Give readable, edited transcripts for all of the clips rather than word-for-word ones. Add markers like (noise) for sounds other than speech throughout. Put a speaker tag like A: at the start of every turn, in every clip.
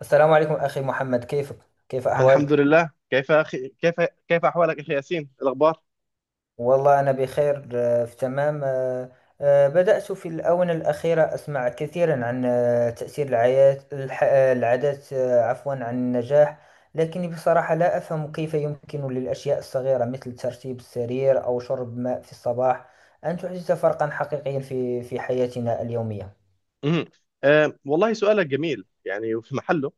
A: السلام عليكم أخي محمد، كيفك؟ كيف
B: الحمد
A: أحوالك؟
B: لله، كيف أخي؟ كيف أحوالك أخي ياسين؟ الأخبار؟
A: والله أنا بخير، في تمام. بدأت في الآونة الأخيرة أسمع كثيرا عن تأثير العيات الح- آه، العادات، عفوا، عن النجاح. لكني بصراحة لا أفهم كيف يمكن للأشياء الصغيرة مثل ترتيب السرير أو شرب ماء في الصباح أن تحدث فرقا حقيقيا في حياتنا اليومية.
B: مم. والله سؤالك جميل، يعني وفي محله.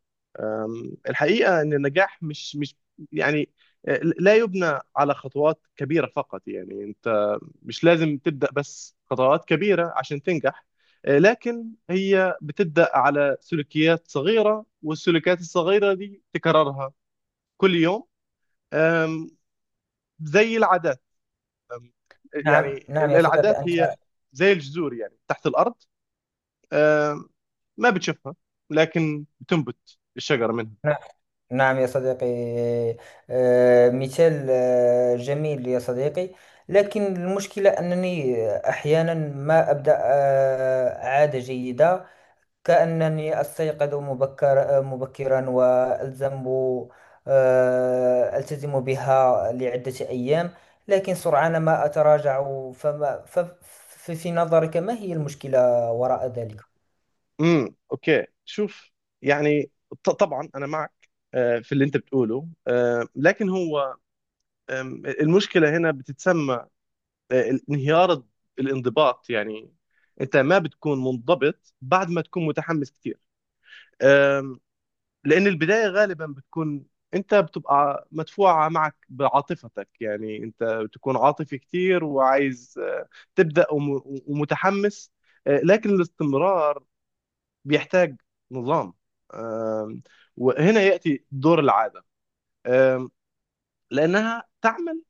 B: الحقيقة أن النجاح مش يعني لا يبنى على خطوات كبيرة فقط. يعني أنت مش لازم تبدأ بس خطوات كبيرة عشان تنجح، لكن هي بتبدأ على سلوكيات صغيرة، والسلوكيات الصغيرة دي تكررها كل يوم. آم، زي العادات. أم،
A: نعم،
B: يعني
A: نعم يا صديقي،
B: العادات
A: أنت.
B: هي زي الجذور، يعني تحت الأرض، أم، ما بتشوفها، لكن بتنبت الشجرة منها.
A: نعم. نعم يا صديقي، مثال جميل يا صديقي. لكن المشكلة أنني أحيانا ما أبدأ عادة جيدة، كأنني أستيقظ مبكرا، وألزم آه، ألتزم بها لعدة أيام، لكن سرعان ما أتراجع. في نظرك، ما هي المشكلة وراء ذلك؟
B: اوكي، شوف، يعني طبعا انا معك في اللي انت بتقوله، لكن هو المشكله هنا بتتسمى انهيار الانضباط. يعني انت ما بتكون منضبط بعد ما تكون متحمس كتير، لأن البداية غالبا بتكون أنت بتبقى مدفوعة معك بعاطفتك، يعني أنت بتكون عاطفي كتير وعايز تبدأ ومتحمس، لكن الاستمرار بيحتاج نظام. آم، وهنا يأتي دور العادة، آم، لأنها تعمل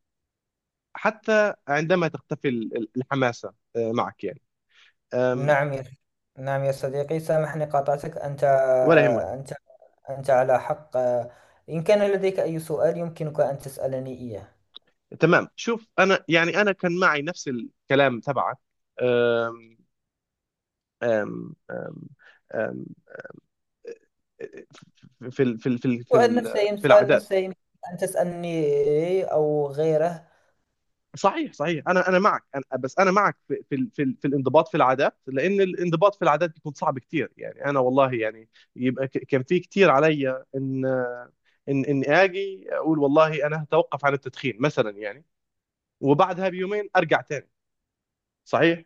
B: حتى عندما تختفي الحماسة معك، يعني آم،
A: نعم يا نعم يا صديقي، سامحني، قاطعتك.
B: ولا يهمك.
A: أنت أنت على حق. إن كان لديك أي سؤال، يمكنك أن تسألني إياه.
B: تمام، شوف، أنا يعني أنا كان معي نفس الكلام تبعك. آم، آم، آم، في ال- في ال- في ال- في
A: سؤال
B: ال-
A: نفسي
B: في
A: سؤال
B: العادات.
A: نفسي يمكن أن تسألني، أو غيره.
B: صحيح صحيح، انا معك، أنا بس انا معك في في الانضباط في العادات، لان الانضباط في العادات بيكون صعب كتير، يعني انا والله يعني يبقى كان في كتير عليا ان ان اني اجي اقول والله انا هتوقف عن التدخين مثلا، يعني وبعدها بيومين ارجع تاني. صحيح.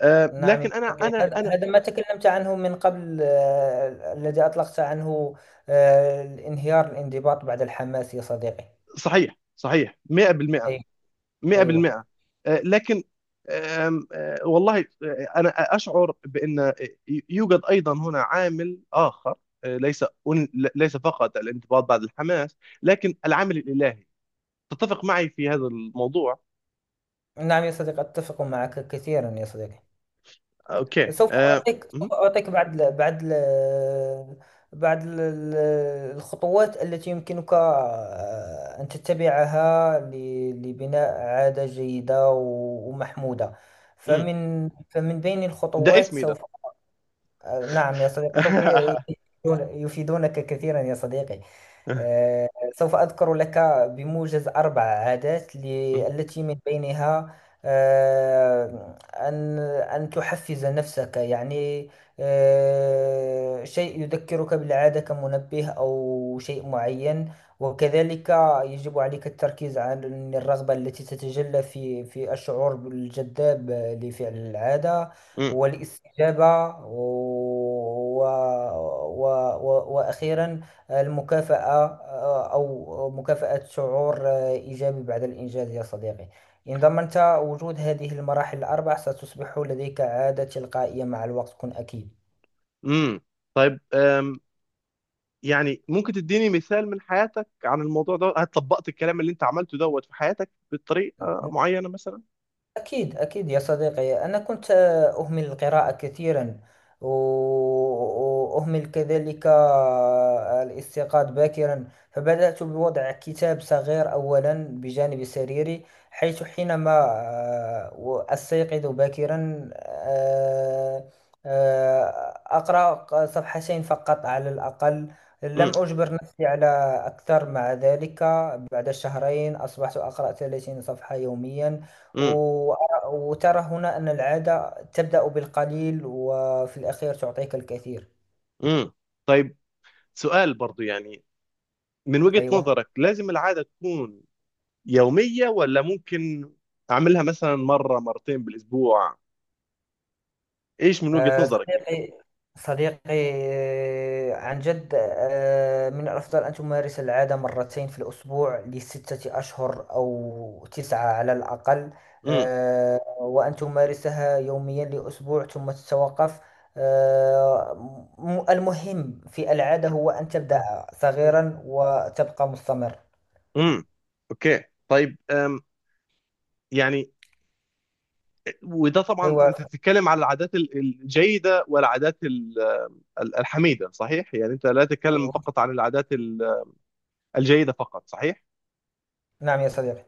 B: آه،
A: نعم يا
B: لكن انا
A: صديقي،
B: انا
A: هذا
B: انا
A: هذا ما تكلمت عنه من قبل، الذي أطلقت عنه الانهيار الانضباط بعد الحماس، يا صديقي.
B: صحيح صحيح 100%
A: أي، أيوه.
B: 100%. لكن آم، آه، والله، أنا أشعر بأن يوجد أيضا هنا عامل آخر، آه، ليس ليس فقط الانضباط بعد الحماس، لكن العامل الإلهي. تتفق معي في هذا الموضوع؟
A: نعم يا صديقي، أتفق معك كثيرا يا صديقي.
B: أوكي.
A: سوف أعطيك سوف أعطيك بعض ال- ال- الخطوات التي يمكنك أن تتبعها لبناء عادة جيدة ومحمودة.
B: م-
A: فمن بين
B: ده
A: الخطوات،
B: اسمي ده.
A: سوف نعم يا صديقي، سوف
B: (laughs)
A: يفيدونك كثيرا يا صديقي. آه، سوف أذكر لك بموجز أربع عادات،
B: م-
A: التي من بينها أن تحفز نفسك، يعني شيء يذكرك بالعادة كمنبه أو شيء معين، وكذلك يجب عليك التركيز عن الرغبة التي تتجلى في الشعور بالجذاب لفعل العادة،
B: م-
A: والاستجابة، و و و و وأخيرا المكافأة، أو مكافأة، شعور إيجابي بعد الإنجاز يا صديقي. إن ضمنت وجود هذه المراحل الأربع، ستصبح لديك عادة تلقائية مع الوقت، كن أكيد.
B: م. طيب، يعني ممكن تديني مثال من حياتك عن الموضوع ده؟ هل طبقت الكلام اللي انت عملته دوت في حياتك بطريقة معينة مثلا؟
A: أكيد، أكيد يا صديقي، أنا كنت أهمل القراءة كثيرا، و- وأهمل كذلك الاستيقاظ باكرا، فبدأت بوضع كتاب صغير أولا بجانب سريري، حينما أستيقظ باكرا، آه، أقرأ صفحتين فقط على الأقل،
B: م-
A: لم أجبر نفسي على أكثر. مع ذلك بعد شهرين أصبحت أقرأ 30 صفحة يوميا.
B: م.
A: وترى هنا أن العادة تبدأ بالقليل، وفي الأخير تعطيك الكثير.
B: امم، طيب، سؤال برضو، يعني من وجهة
A: أيوة.
B: نظرك لازم العادة تكون يومية، ولا ممكن أعملها مثلا مرة مرتين بالأسبوع؟ إيش من وجهة نظرك يعني؟
A: صديقي، صديقي، عن جد، من الأفضل أن تمارس العادة مرتين في الأسبوع لستة أشهر أو تسعة على الأقل،
B: امم.
A: وأن تمارسها يوميا لأسبوع، ثم تتوقف. آه، المهم في العادة هو أن تبدأ صغيرا وتبقى مستمر.
B: امم، اوكي، طيب أم، يعني وده طبعا
A: أيوة.
B: انت تتكلم على العادات الجيده والعادات ال- الحميده، صحيح؟ يعني انت لا تتكلم فقط عن العادات الجيده فقط، صحيح؟
A: نعم يا صديقي،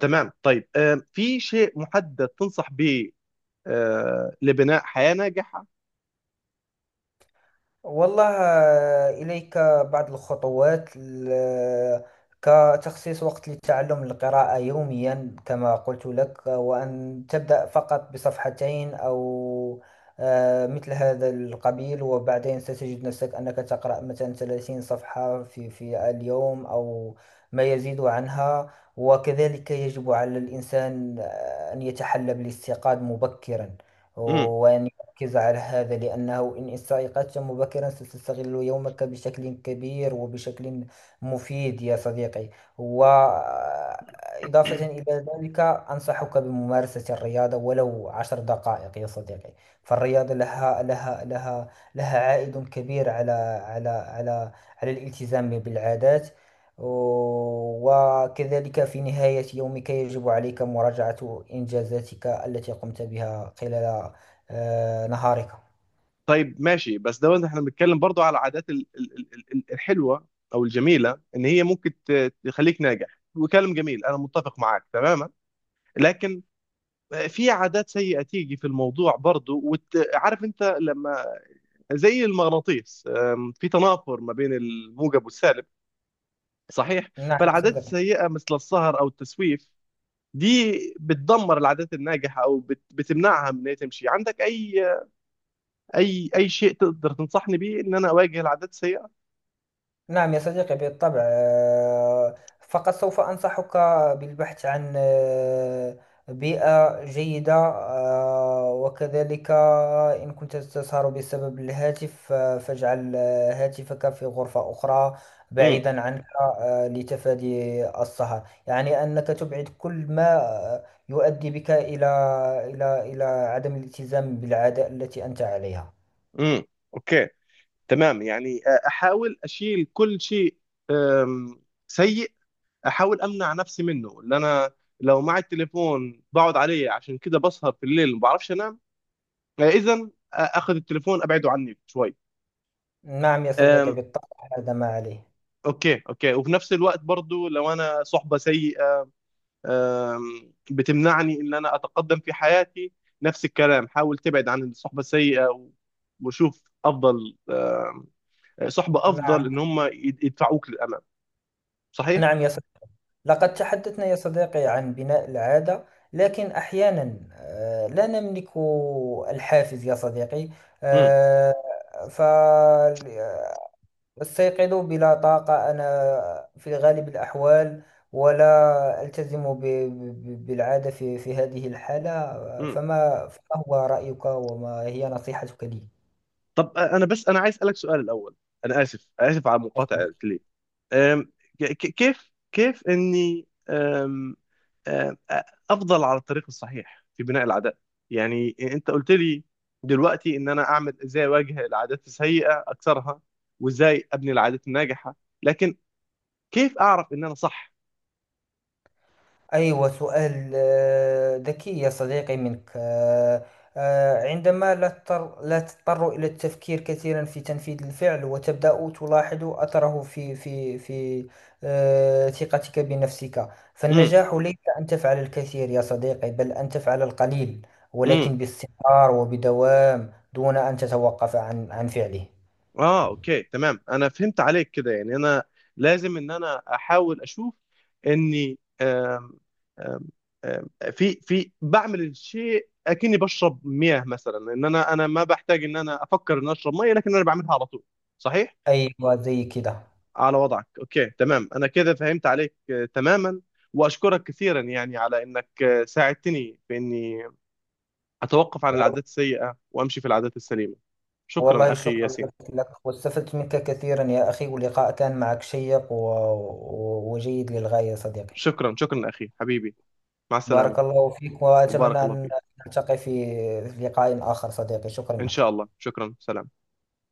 B: تمام، طيب في شيء محدد تنصح به لبناء حياه ناجحه؟
A: والله إليك بعض الخطوات، كتخصيص وقت لتعلم القراءة يوميا، كما قلت لك، وأن تبدأ فقط بصفحتين، أو مثل هذا القبيل، وبعدين ستجد نفسك أنك تقرأ مثلا 30 صفحة في اليوم، أو ما يزيد عنها. وكذلك يجب على الإنسان أن يتحلى بالاستيقاظ مبكرا، وأن ركز على هذا، لأنه إن استيقظت مبكرا، ستستغل يومك بشكل كبير وبشكل مفيد يا صديقي. وإضافة إلى ذلك، أنصحك بممارسة الرياضة ولو 10 دقائق يا صديقي. فالرياضة لها عائد كبير على على على الالتزام بالعادات. وكذلك في نهاية يومك يجب عليك مراجعة إنجازاتك التي قمت بها خلال نهارك.
B: طيب، ماشي، بس ده احنا بنتكلم برضو على العادات الحلوه او الجميله ان هي ممكن تخليك ناجح، وكلام جميل انا متفق معاك تماما. لكن في عادات سيئه تيجي في الموضوع برضو، وعارف انت لما زي المغناطيس، في تنافر ما بين الموجب والسالب، صحيح؟
A: نعم يا
B: فالعادات
A: صديقي.
B: السيئه مثل السهر او التسويف دي بتدمر العادات الناجحه او بتمنعها من ان هي تمشي عندك. اي شيء تقدر تنصحني بيه ان انا اواجه العادات السيئه؟
A: نعم يا صديقي، بالطبع. فقط سوف أنصحك بالبحث عن بيئة جيدة، وكذلك إن كنت تسهر بسبب الهاتف، فاجعل هاتفك في غرفة أخرى بعيدا عنك، لتفادي السهر، يعني أنك تبعد كل ما يؤدي بك إلى عدم الالتزام بالعادة التي أنت عليها.
B: امم، اوكي، تمام، يعني احاول اشيل كل شيء آم، سيء، احاول امنع نفسي منه. اللي انا لو معي التليفون بقعد عليه، عشان كده بسهر في الليل ما بعرفش انام، اذا اخذ التليفون ابعده عني شوي.
A: نعم يا
B: آم،
A: صديقي، بالطبع. هذا ما عليه.
B: اوكي اوكي، وفي نفس الوقت برضو لو انا صحبة سيئة بتمنعني ان انا اتقدم في حياتي، نفس الكلام، حاول تبعد عن الصحبة السيئة وشوف افضل، صحبة افضل
A: نعم،
B: ان هم يدفعوك للامام. صحيح.
A: نعم يا صديقي، لقد تحدثنا يا صديقي عن بناء العادة، لكن أحيانا لا نملك الحافز يا صديقي،
B: امم.
A: فاستيقظ بلا طاقة أنا في غالب الأحوال، ولا ألتزم بالعادة في هذه الحالة.
B: امم،
A: فما هو رأيك، وما هي نصيحتك لي؟
B: طب انا بس انا عايز اسالك سؤال الاول. انا اسف على المقاطعه ليه. أم، كيف اني أم، أ- افضل على الطريق الصحيح في بناء العادات؟ يعني انت قلت لي دلوقتي ان انا اعمل ازاي اواجه العادات السيئه اكسرها، وازاي ابني العادات الناجحه، لكن كيف اعرف ان انا صح؟
A: أيوة، سؤال ذكي يا صديقي منك. عندما لا تضطر إلى التفكير كثيرا في تنفيذ الفعل، وتبدأ تلاحظ أثره في ثقتك بنفسك. فالنجاح ليس أن تفعل الكثير يا صديقي، بل أن تفعل القليل،
B: امم.
A: ولكن باستمرار وبدوام دون أن تتوقف عن فعله.
B: اه، اوكي، تمام، انا فهمت عليك كده. يعني انا لازم ان انا احاول اشوف اني آم، آم، آم، في بعمل الشيء اكني بشرب مياه مثلا، ان انا ما بحتاج ان انا افكر ان اشرب ميه، لكن انا بعملها على طول، صحيح؟
A: أيوة، زي كده.
B: على وضعك. اوكي، تمام، انا كده فهمت عليك تماما، واشكرك كثيرا يعني على انك ساعدتني في اني اتوقف عن العادات السيئة وامشي في العادات السليمة. شكرا
A: والله
B: اخي
A: شكرا
B: ياسين.
A: لك، واستفدت منك كثيرا يا أخي، واللقاء كان معك شيق وجيد للغاية صديقي.
B: شكرا اخي حبيبي، مع
A: بارك
B: السلامة.
A: الله فيك،
B: وبارك
A: وأتمنى
B: الله
A: أن
B: فيك.
A: نلتقي في لقاء آخر صديقي، شكرا
B: إن
A: لك.
B: شاء الله، شكرا، سلام.